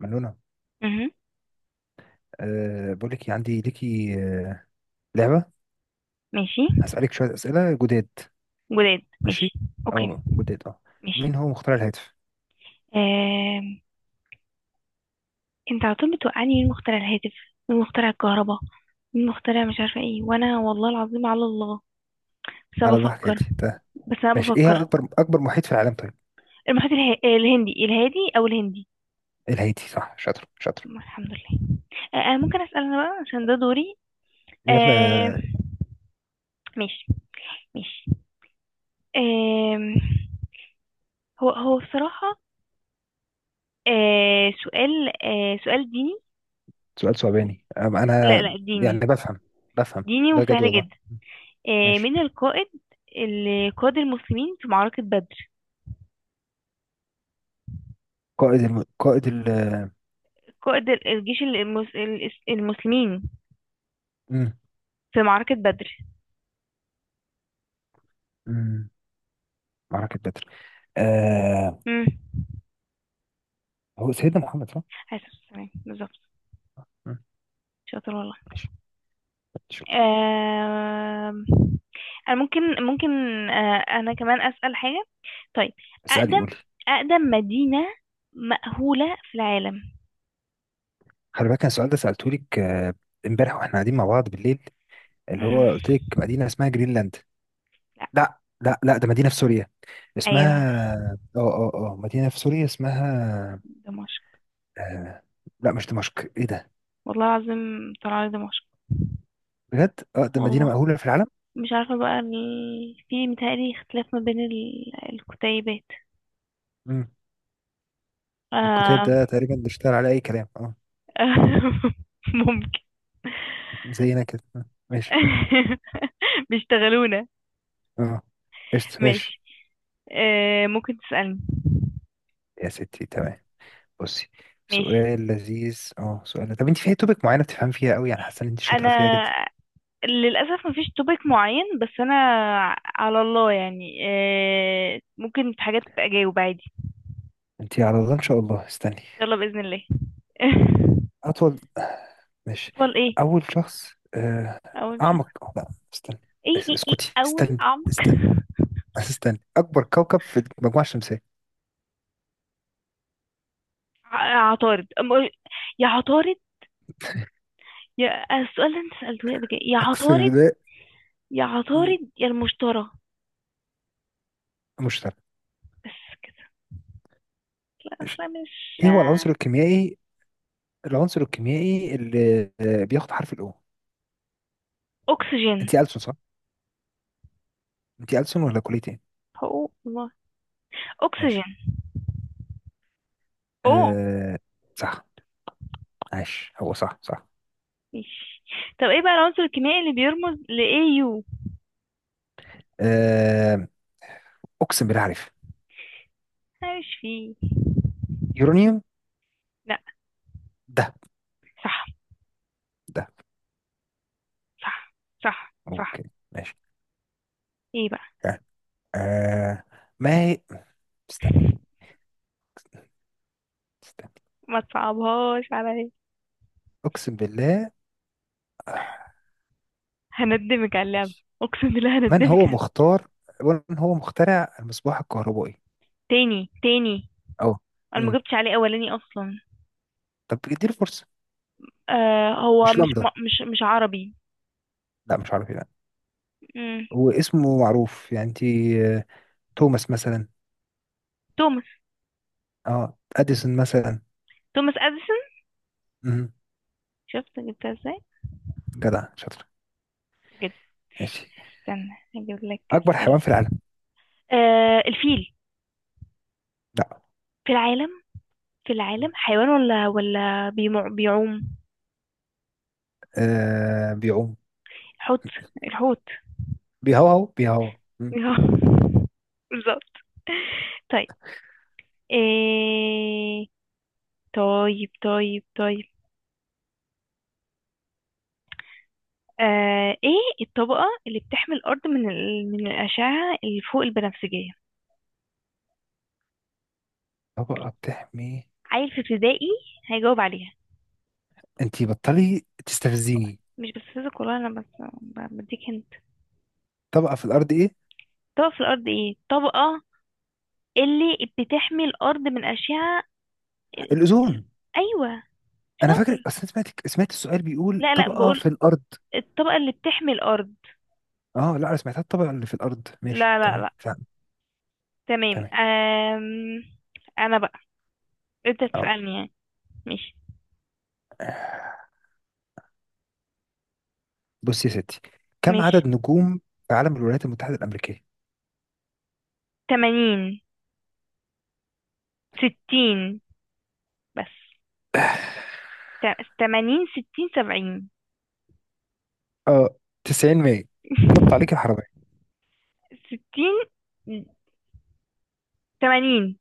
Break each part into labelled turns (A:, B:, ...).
A: منونة.
B: مهم.
A: بقول لك إيه، عندي ليكي أه لعبة.
B: ماشي.
A: هسألك شوية أسئلة جداد.
B: جداد
A: ماشي،
B: ماشي. اوكي.
A: أو جداد
B: ماشي.
A: مين هو مخترع الهاتف؟
B: آم. انت على طول بتوقعني مين مخترع الهاتف، مين مخترع الكهرباء، مين مخترع مش عارفه ايه، وانا والله العظيم على الله بس انا
A: على ضحك
B: بفكر.
A: هاتي ده.
B: بس انا
A: ماشي، إيه هي
B: بفكر.
A: أكبر محيط في العالم؟ طيب،
B: المحيط الهندي الهادي او الهندي.
A: الهادي صح، شاطر شاطر.
B: الحمد لله. آه آه، ممكن اسال انا بقى عشان ده دوري.
A: يلا.
B: آه.
A: آه،
B: ماشي. ماشي. آه. هو هو بصراحه. سؤال ديني.
A: سؤال
B: لا
A: أنا
B: لا
A: يعني
B: ديني.
A: بفهم
B: ديني
A: بجد
B: وسهل
A: والله.
B: جدا.
A: ماشي.
B: من القائد اللي قاد المسلمين في معركة بدر؟
A: قائد ال...
B: قائد الجيش المسلمين
A: مم.
B: في معركة بدر.
A: مم. معركة بدر. آه...
B: امم
A: هو سيدنا محمد صح؟
B: عليه الصلاة والسلام بالظبط.
A: مم.
B: شاطر والله.
A: ماشي. شكرا.
B: آم، أنا ممكن. أنا كمان أسأل حاجة. طيب.
A: اسألي،
B: أقدم
A: قولي.
B: أقدم مدينة مأهولة في العالم.
A: خلي بالك أنا السؤال ده سألته لك امبارح واحنا قاعدين مع بعض بالليل، اللي
B: مم.
A: هو قلت لك مدينة اسمها جرينلاند.
B: لا.
A: لا، ده مدينة في سوريا
B: أيوه.
A: اسمها... اه مدينة في سوريا اسمها...
B: دمشق.
A: آه... لا مش دمشق، ايه ده؟
B: والله العظيم طلع لي دمشق.
A: بجد، اه ده مدينة
B: والله.
A: مأهولة في العالم.
B: مش عارفة بقى في متهيألي اختلاف ما بين الكتيبات.
A: امم، الكتاب
B: آه...
A: ده تقريبا بيشتغل على اي كلام، اه
B: ممكن.
A: زينا كده. ماشي،
B: بيشتغلونا.
A: اه. قشطة ماشي.
B: ماشي. ممكن تسألني.
A: يا ستي تمام، بصي.
B: ماشي.
A: سؤال لذيذ، اه سؤال. طب انت في توبك معينة بتفهم فيها قوي، يعني حاسة ان انت شاطرة فيها
B: انا
A: جدا؟
B: للأسف مفيش توبيك معين، بس انا على الله يعني، ممكن في حاجات اجاوب عادي ان
A: انت على الله ان شاء الله. استني،
B: شاء الله بإذن الله.
A: أطول، ماشي،
B: اطول ايه؟
A: أول شخص،
B: اول شهر.
A: أعمق. لا استنى،
B: ايه
A: بس
B: ايه
A: اسكتي،
B: ايه. اول
A: استني
B: عمق.
A: استني بس استني. أكبر كوكب في المجموعة الشمسية.
B: عطارد يا عطارد، يا السؤال اللي انت سألته لي قبل كده، يا
A: أقسم
B: عطارد،
A: بالله.
B: يا
A: م-
B: عطارد يا المشتري.
A: مشتري.
B: بس كده. لا
A: ماشي.
B: اصلا مش.
A: إيه هو العنصر الكيميائي، العنصر الكيميائي اللي آه، بياخد حرف الأو؟
B: اكسجين.
A: أنت ألسن صح؟ أنت ألسن ولا كلية إيه؟
B: هو الله. اكسجين.
A: ماشي،
B: اوه.
A: أه صح، عاش، هو صح صح.
B: ماشي. طب ايه بقى العنصر الكيميائي اللي بيرمز ل AU؟
A: أه أقسم بالله عارف،
B: انا مش فيه.
A: يورانيوم.
B: لا.
A: ده
B: صح
A: ده،
B: صح صح صح.
A: أوكي ماشي،
B: ايه بقى.
A: أه. آه، ما هي... استني، استنى،
B: ما تصعبهاش عليا.
A: أقسم بالله. آه،
B: هندمك على اللعبة.
A: ماشي.
B: اقسم بالله
A: من هو
B: هندمك على.
A: مختار من هو مخترع المصباح الكهربائي؟
B: تاني تاني.
A: أه،
B: انا
A: أمم.
B: ما جبتش عليه اولاني اصلا.
A: طب اديله فرصة،
B: آه، هو
A: مش
B: مش
A: لمبة؟
B: مش عربي.
A: لا مش عارف، لا.
B: مم.
A: هو اسمه معروف يعني، أنت توماس مثلا،
B: توماس.
A: أه أديسون مثلا.
B: توماس اديسون.
A: أمم.
B: شفت جبتها ازاي.
A: جدع شاطر.
B: جبت.
A: ماشي،
B: استنى، هجيب لك
A: أكبر
B: اسئله.
A: حيوان في العالم؟
B: الفيل.
A: لا،
B: في العالم في العالم
A: مم،
B: حيوان ولا بيعوم.
A: بيعوم.
B: حوت. الحوت.
A: بيهوهو بيهوهو، مم.
B: بالظبط. طيب. إيه... طيب طيب طيب. ايه الطبقة اللي بتحمي الأرض من الأشعة اللي فوق البنفسجية؟
A: طبقة بتحمي...
B: عيل في ابتدائي هيجاوب عليها.
A: انتي بطلي تستفزيني.
B: مش بستفزك والله، انا بس بديك هنت.
A: طبقة في الأرض إيه؟
B: طبقة في الارض ايه طبقة اللي بتحمي الارض من اشعة ال- ال-
A: الأوزون.
B: ايوه.
A: انا فاكر،
B: شاطر.
A: اصل أنا سمعت السؤال بيقول
B: لا لا
A: طبقه في
B: بقول
A: الارض.
B: الطبقة اللي بتحمي الارض.
A: اه لا انا سمعتها الطبقه اللي في الارض، ماشي
B: لا لا
A: تمام
B: لا.
A: فاهم.
B: تمام.
A: تمام،
B: انا بقى انت
A: اه.
B: تسألني يعني، مش
A: بص يا ستي، كم
B: مش
A: عدد نجوم في عالم الولايات المتحده الامريكيه؟
B: تمانين ستين بس. تمانين ستين سبعين.
A: اه 90 100، نط عليك الحرامية.
B: ستين تمانين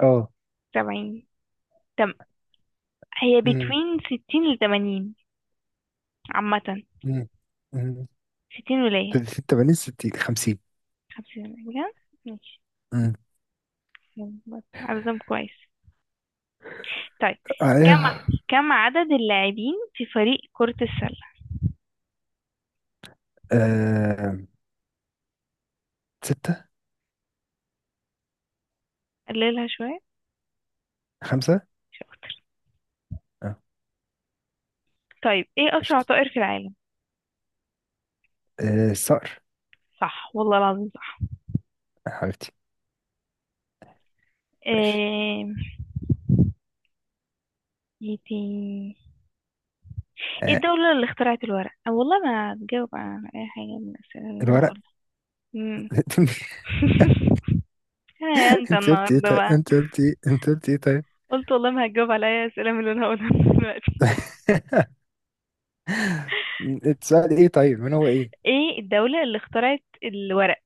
A: اه
B: سبعين. تم هي
A: امم
B: بتوين ستين لتمانين عامة.
A: امم امم.
B: ستين ولاية.
A: 80 60 50.
B: خمسين ولاية بجد. ماشي.
A: امم،
B: يلا، عددهم كويس. طيب. كم
A: ايوه.
B: كم عدد اللاعبين في فريق كرة السلة؟
A: آه. ستة،
B: قللها شوية.
A: خمسة.
B: شاطر.
A: اه
B: طيب ايه أسرع
A: قشطة.
B: طائر في العالم؟
A: آه، الصقر.
B: صح والله العظيم صح.
A: حبيبتي ماشي.
B: ايه. ايه تاني؟ إيه
A: آه،
B: الدولة اللي اخترعت الورق؟ أو والله ما هتجاوب على أي حاجة من الأسئلة اللي أنا
A: الورق.
B: هقولها. مم. يا أنت
A: انت قلت ايه
B: النهاردة
A: طيب؟
B: بقى.
A: انت قلت ايه طيب.
B: قلت والله ما هتجاوب على أي أسئلة من اللي أنا هقولها دلوقتي.
A: السؤال ايه طيب، من هو ايه.
B: ايه الدولة اللي اخترعت الورق؟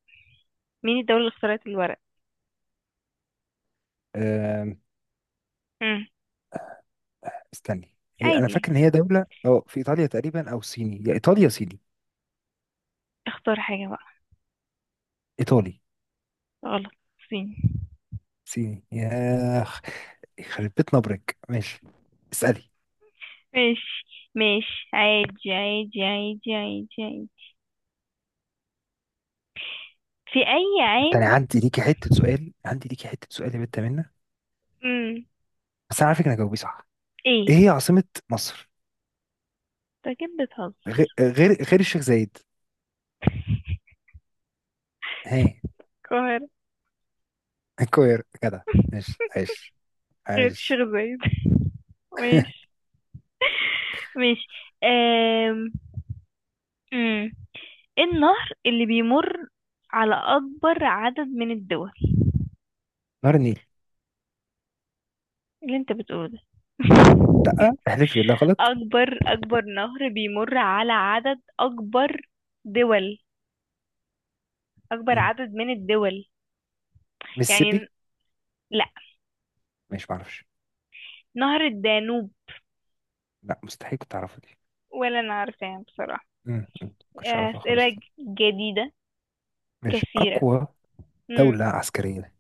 B: مين الدولة اللي اخترعت الورق؟
A: آم،
B: مم.
A: استني، هي انا
B: عادي.
A: فاكر ان هي دولة اه في ايطاليا تقريبا او صيني، يا ايطاليا يا صيني.
B: اختار حاجة بقى.
A: ايطالي.
B: غلط. الصين.
A: صيني ياخ، يخرب بيت نبرك. ماشي، اسألي.
B: ماشي. ماشي عادي عادي عادي عادي عادي. في أي
A: تاني،
B: عام؟
A: عندي ليكي حتة سؤال، عندي ليكي حتة سؤال يا بنت منه،
B: مم.
A: بس انا عارفك انك هتجاوبيه صح.
B: ايه؟
A: ايه هي عاصمة مصر؟
B: انت كده بتهزر.
A: غير الشيخ زايد. هي؟
B: القاهرة.
A: القاهرة كده، ماشي عايش
B: غير
A: عايش.
B: الشيخ زايد. ماشي. ماشي. أم... مم. ايه النهر اللي بيمر على أكبر عدد من الدول؟
A: نهر النيل.
B: اللي انت بتقوله ده.
A: لا احلفي بالله غلط؟
B: أكبر نهر بيمر على عدد أكبر دول. أكبر
A: مم،
B: عدد من الدول يعني.
A: ميسيبي.
B: لا،
A: مش، معرفش.
B: نهر الدانوب.
A: لا مستحيل كنت اعرفه.
B: ولا أنا عارفاه بصراحة.
A: مم، ما كنتش اعرفها
B: أسئلة
A: خالص دي.
B: جديدة
A: ماشي.
B: كثيرة.
A: اقوى
B: مم.
A: دولة عسكرية؟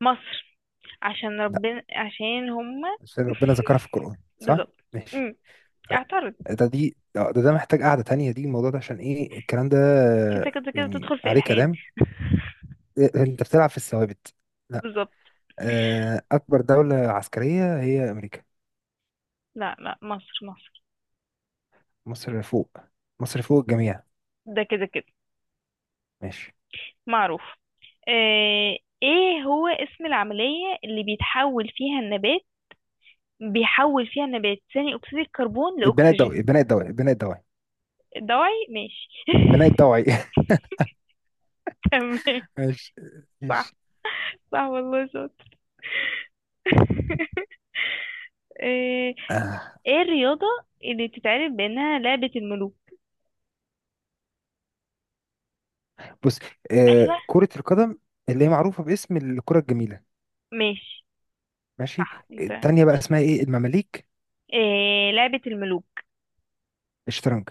B: مصر. عشان
A: لا،
B: ربنا عشان هما.
A: بس ربنا ذكرها في القرآن صح؟
B: بالظبط.
A: ماشي
B: مم.
A: طيب.
B: اعترض.
A: ده محتاج قعدة تانية دي، الموضوع ده عشان ايه الكلام ده
B: عشان انت كده كده
A: يعني؟
B: تدخل في
A: عليه
B: إلحاد.
A: كلام. إيه، انت بتلعب في الثوابت. لا.
B: بالظبط.
A: آه، اكبر دولة عسكرية هي امريكا.
B: لا لا مصر مصر.
A: مصر فوق، مصر فوق الجميع.
B: ده كده كده
A: ماشي.
B: معروف. آه، ايه هو اسم العملية اللي بيتحول فيها النبات، بيحول فيها النبات ثاني اكسيد الكربون
A: البناء الضوئي
B: لاكسجين؟
A: البناء الضوئي البناء الضوئي
B: الدواعي ماشي.
A: البناء الضوئي.
B: تمام.
A: ماشي
B: صح.
A: ماشي.
B: صح والله شاطر. ايه.
A: آه،
B: إيه الرياضة اللي بتتعرف بانها لعبة الملوك؟
A: بص.
B: ايوه.
A: آه، كرة القدم، اللي هي معروفة باسم الكرة الجميلة.
B: ماشي.
A: ماشي.
B: صح انت،
A: التانية بقى
B: ماشي.
A: اسمها ايه، المماليك؟
B: إيه لعبة الملوك؟
A: الشطرنج.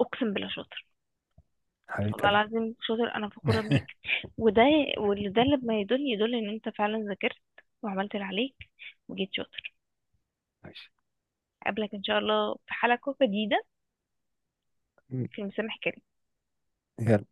B: اقسم بالله شاطر.
A: حبيبة
B: والله
A: قلبي.
B: العظيم شاطر انا فخورة بيك. وده، واللي ده اللي ما يدل يدل ان انت فعلا ذاكرت وعملت اللي عليك وجيت شاطر.
A: ماشي.
B: اقابلك ان شاء الله في حلقة جديدة
A: م.
B: في المسامح كامل.
A: يلا.